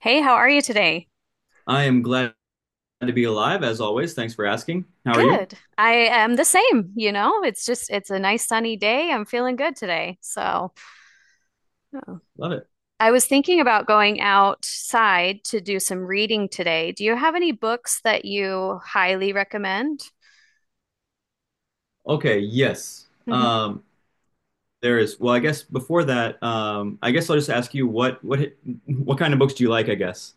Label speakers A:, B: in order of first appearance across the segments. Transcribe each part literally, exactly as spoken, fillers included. A: Hey, how are you today?
B: I am glad to be alive, as always. Thanks for asking. How are you?
A: Good. I am the same, you know. It's just it's a nice sunny day. I'm feeling good today. So, oh.
B: Love it.
A: I was thinking about going outside to do some reading today. Do you have any books that you highly recommend?
B: Okay, yes. Um, there is. Well, I guess before that, um, I guess I'll just ask you what what what kind of books do you like, I guess.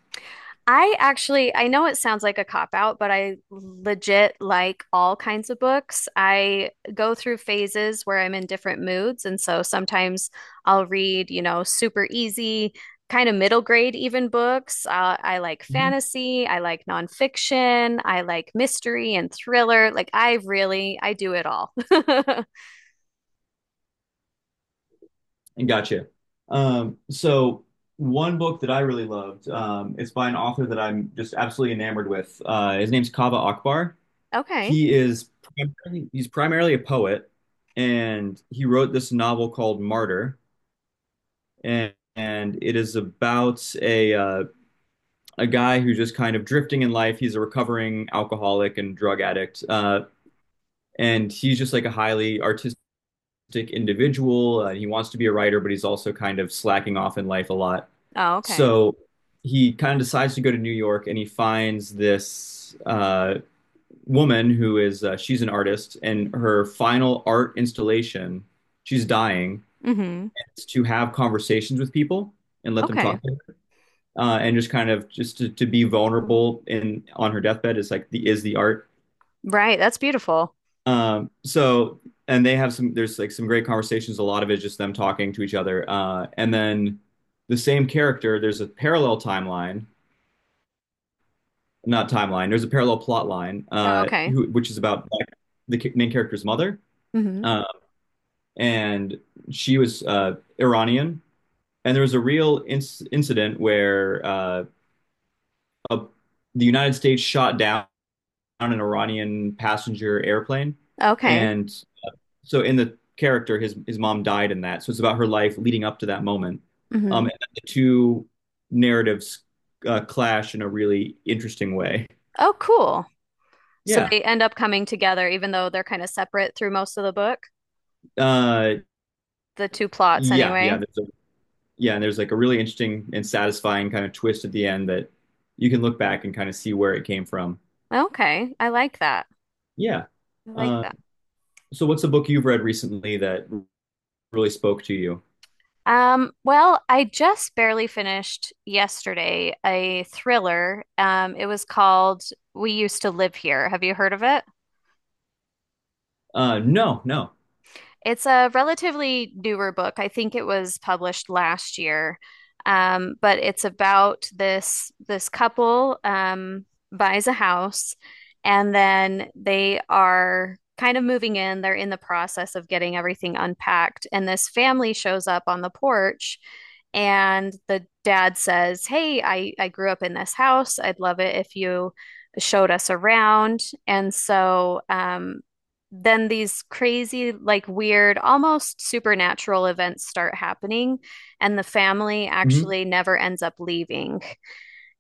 A: I actually, I know it sounds like a cop out, but I legit like all kinds of books. I go through phases where I'm in different moods. And so sometimes I'll read, you know, super easy, kind of middle grade even books. Uh, I like
B: Mhm.
A: fantasy. I like nonfiction. I like mystery and thriller. Like I really, I do it all.
B: And gotcha. Um, so one book that I really loved, um, it's by an author that I'm just absolutely enamored with. Uh, his name's Kaveh Akbar.
A: Okay.
B: He is primarily, he's primarily a poet, and he wrote this novel called Martyr. and, and it is about a uh, a guy who's just kind of drifting in life. He's a recovering alcoholic and drug addict, uh, and he's just like a highly artistic individual. Uh, he wants to be a writer, but he's also kind of slacking off in life a lot.
A: Oh, okay.
B: So he kind of decides to go to New York, and he finds this uh, woman who is uh, she's an artist, and her final art installation, she's dying,
A: Hmm.
B: is to have conversations with people and let them
A: Okay.
B: talk to uh, and just kind of just to, to be vulnerable in on her deathbed is like the is the art.
A: Right. That's beautiful.
B: Um, so and they have some there's like some great conversations. A lot of it is just them talking to each other. Uh, and then the same character, there's a parallel timeline, not timeline. There's a parallel plot line,
A: Yeah,
B: uh,
A: okay.
B: who, which is about the main character's mother,
A: Hmm.
B: uh, and she was uh, Iranian. And there was a real inc- incident where uh, a, the United States shot down on an Iranian passenger airplane.
A: Okay.
B: And so in the character, his his mom died in that. So it's about her life leading up to that moment. Um, and
A: Hmm.
B: the two narratives uh, clash in a really interesting way.
A: Oh, cool. So
B: Yeah.
A: they end up coming together, even though they're kind of separate through most of the book,
B: Uh,
A: the two plots
B: yeah, yeah.
A: anyway.
B: There's a, yeah, and there's like a really interesting and satisfying kind of twist at the end that you can look back and kind of see where it came from.
A: Okay, I like that.
B: Yeah.
A: I like
B: Uh,
A: that.
B: so what's a book you've read recently that really spoke to you?
A: Um, well, I just barely finished yesterday a thriller. Um, it was called We Used to Live Here. Have you heard of it?
B: Uh, no, no.
A: It's a relatively newer book. I think it was published last year. Um, but it's about this this couple um, buys a house and then they are kind of moving in. They're in the process of getting everything unpacked. And this family shows up on the porch and the dad says, "Hey, I I grew up in this house. I'd love it if you showed us around." And so um then these crazy, like weird, almost supernatural events start happening, and the family
B: Hmm.
A: actually never ends up leaving.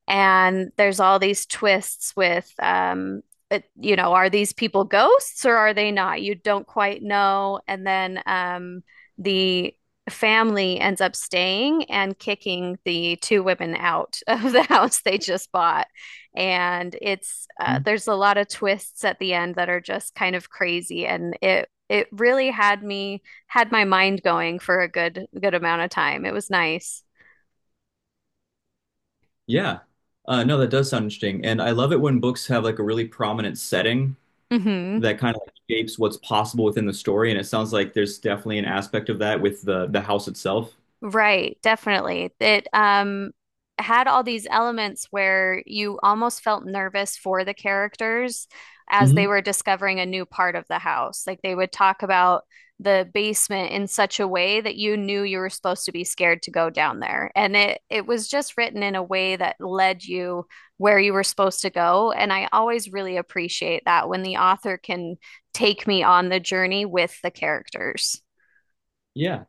A: And there's all these twists with, um, it, you know, are these people ghosts or are they not? You don't quite know. And then um, the family ends up staying and kicking the two women out of the house they just bought. And it's uh, there's a lot of twists at the end that are just kind of crazy, and it it really had me had my mind going for a good good amount of time. It was nice.
B: Yeah. Uh, no, that does sound interesting. And I love it when books have like a really prominent setting
A: Hmm.
B: that kind of like shapes what's possible within the story. And it sounds like there's definitely an aspect of that with the the house itself.
A: Right, definitely. It um had all these elements where you almost felt nervous for the characters as they
B: Hmm.
A: were discovering a new part of the house. Like they would talk about the basement in such a way that you knew you were supposed to be scared to go down there. And it it was just written in a way that led you where you were supposed to go. And I always really appreciate that when the author can take me on the journey with the characters.
B: Yeah.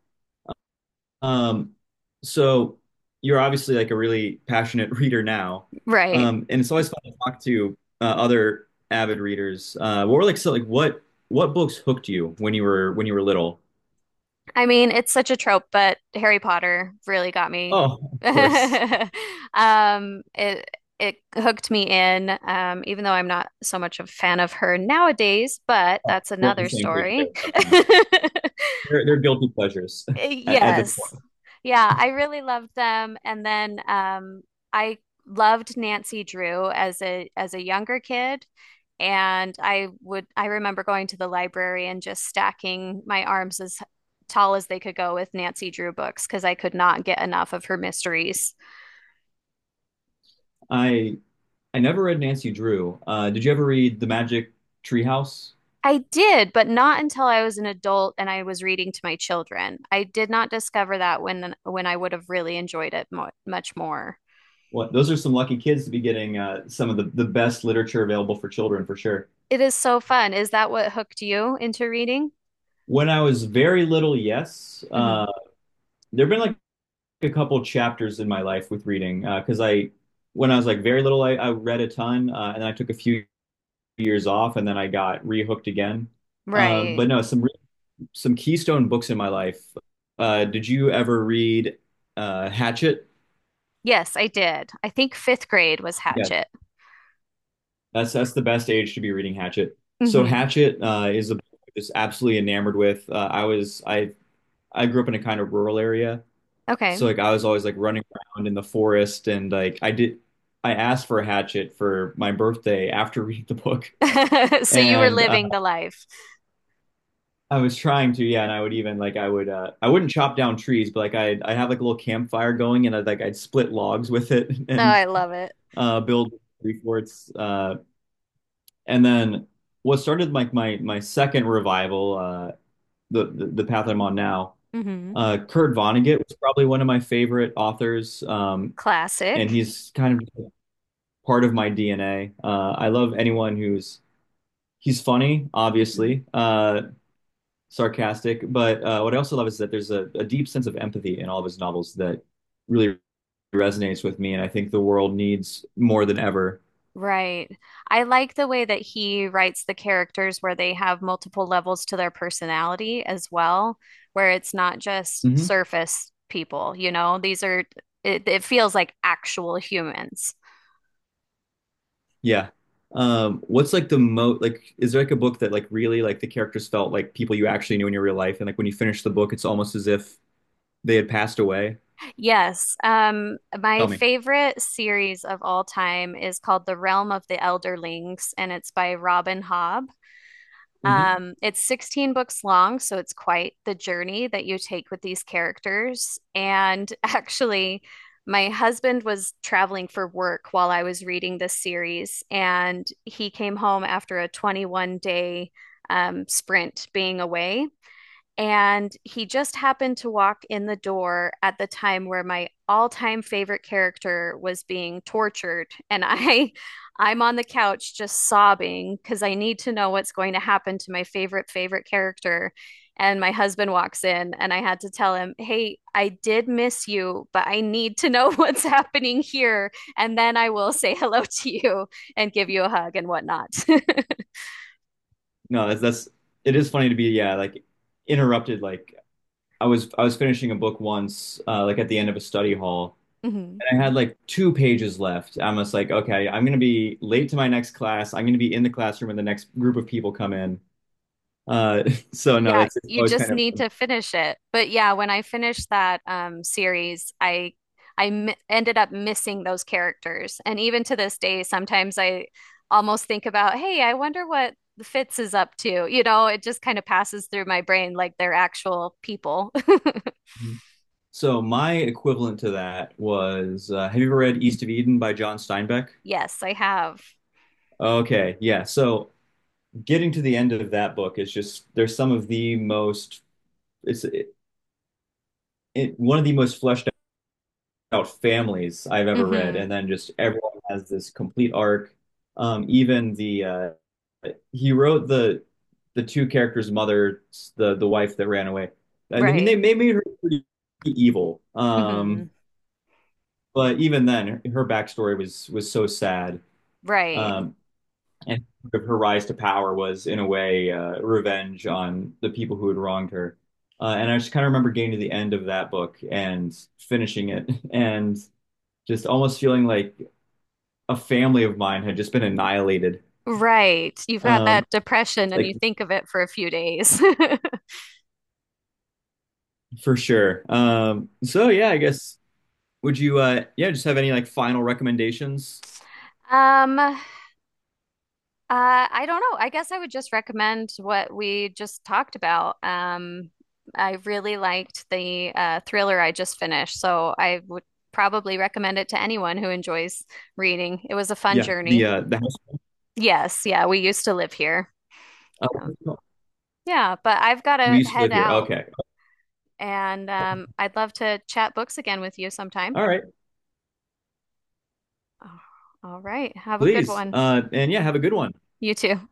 B: Um, so you're obviously like a really passionate reader now.
A: Right.
B: Um, and it's always fun to talk to uh, other avid readers. Uh, what were like so like what what books hooked you when you were when you were little?
A: I mean, it's such a trope, but Harry Potter really got me.
B: Oh, of course.
A: Um, it it hooked me in, um, even though I'm not so much a fan of her nowadays, but
B: Oh,
A: that's
B: we're on the
A: another
B: same page there.
A: story.
B: They're, they're guilty pleasures at, at this
A: Yes.
B: point.
A: Yeah, I really loved them. And then um, I loved Nancy Drew as a as a younger kid. And I would, I remember going to the library and just stacking my arms as tall as they could go with Nancy Drew books because I could not get enough of her mysteries.
B: I I never read Nancy Drew. Uh, did you ever read The Magic Treehouse?
A: I did, but not until I was an adult and I was reading to my children. I did not discover that when when I would have really enjoyed it mo much more.
B: What, those are some lucky kids to be getting uh, some of the, the best literature available for children for sure.
A: It is so fun. Is that what hooked you into reading?
B: When I was very little, yes, uh,
A: Hmm.
B: there've been like a couple chapters in my life with reading because uh, I when I was like very little, I, I read a ton uh, and I took a few years off and then I got rehooked again. Um, but
A: Right.
B: no, some some keystone books in my life. Uh, did you ever read uh, Hatchet?
A: Yes, I did. I think fifth grade was
B: Yeah,
A: Hatchet.
B: that's that's the best age to be reading Hatchet. So
A: Hmm.
B: Hatchet uh, is a book I'm just absolutely enamored with. Uh, I was I I grew up in a kind of rural area,
A: Okay.
B: so like I was always like running around in the forest, and like I did I asked for a Hatchet for my birthday after reading the book,
A: So you were
B: and uh,
A: living the life.
B: I was trying to yeah, and I would even like I would uh, I wouldn't chop down trees, but like I I have like a little campfire going, and I'd like I'd split logs with it
A: Oh,
B: and
A: I love it.
B: uh, build three forts. Uh, and then What started like my my second revival, uh, the, the the path I'm on now.
A: Hmm.
B: Uh, Kurt Vonnegut was probably one of my favorite authors, um, and
A: Classic.
B: he's kind of part of my D N A. Uh, I love anyone who's He's funny,
A: Mhm.
B: obviously, uh, sarcastic, but uh, what I also love is that there's a, a deep sense of empathy in all of his novels that really resonates with me, and I think the world needs more than ever.
A: Right. I like the way that he writes the characters where they have multiple levels to their personality as well, where it's not just
B: Mhm.
A: surface people, you know, these are, it, it feels like actual humans.
B: Yeah. Um, what's like the most like Is there like a book that like really like the characters felt like people you actually knew in your real life, and like when you finish the book it's almost as if they had passed away?
A: Yes. Um, my
B: Tell me.
A: favorite series of all time is called The Realm of the Elderlings, and it's by Robin Hobb.
B: Hmm.
A: Um, it's sixteen books long, so it's quite the journey that you take with these characters. And actually, my husband was traveling for work while I was reading this series, and he came home after a twenty-one day um, sprint being away. And he just happened to walk in the door at the time where my all-time favorite character was being tortured. And I I'm on the couch just sobbing because I need to know what's going to happen to my favorite favorite character. And my husband walks in and I had to tell him, "Hey, I did miss you, but I need to know what's happening here, and then I will say hello to you and give you a hug and whatnot."
B: No, that's that's it is funny to be yeah, like interrupted. like I was I was finishing a book once uh like at the end of a study hall,
A: Mhm.
B: and I had like two pages left. I'm just like, okay, I'm gonna be late to my next class. I'm gonna be in the classroom when the next group of people come in. Uh, so no,
A: Yeah,
B: that's it's
A: you
B: always
A: just
B: kind of
A: need to finish it. But yeah, when I finished that um, series, I I m ended up missing those characters, and even to this day, sometimes I almost think about, hey, I wonder what Fitz is up to. You know, it just kind of passes through my brain like they're actual people.
B: So my equivalent to that was uh, have you ever read East of Eden by John Steinbeck?
A: Yes, I have.
B: Okay, yeah. So getting to the end of that book is just there's some of the most it's it, it, one of the most fleshed out families I've ever read, and
A: Hmm.
B: then just everyone has this complete arc. Um, even the uh, he wrote the the two characters' mother, the the wife that ran away. I mean, they
A: Right.
B: they made her pretty evil.
A: Hmm.
B: Um, but even then, her backstory was was so sad.
A: Right.
B: Um, and sort of her rise to power was, in a way, uh, revenge on the people who had wronged her. Uh, and I just kind of remember getting to the end of that book and finishing it, and just almost feeling like a family of mine had just been annihilated.
A: Right. You've got
B: Um,
A: that depression, and
B: like
A: you think of it for a few days.
B: for sure. Um, so yeah, I guess would you uh yeah, just have any like final recommendations?
A: Um, Uh, I don't know. I guess I would just recommend what we just talked about. Um, I really liked the uh, thriller I just finished, so I would probably recommend it to anyone who enjoys reading. It was a fun
B: Yeah, the
A: journey.
B: uh the house
A: Yes, yeah, we used to live here. Um,
B: uh,
A: yeah, but I've got
B: we
A: to
B: used to
A: head
B: live here.
A: out,
B: Okay.
A: and um, I'd love to chat books again with you sometime.
B: All right,
A: Oh, all right, have a good
B: please.
A: one.
B: Uh and Yeah, have a good one.
A: You too.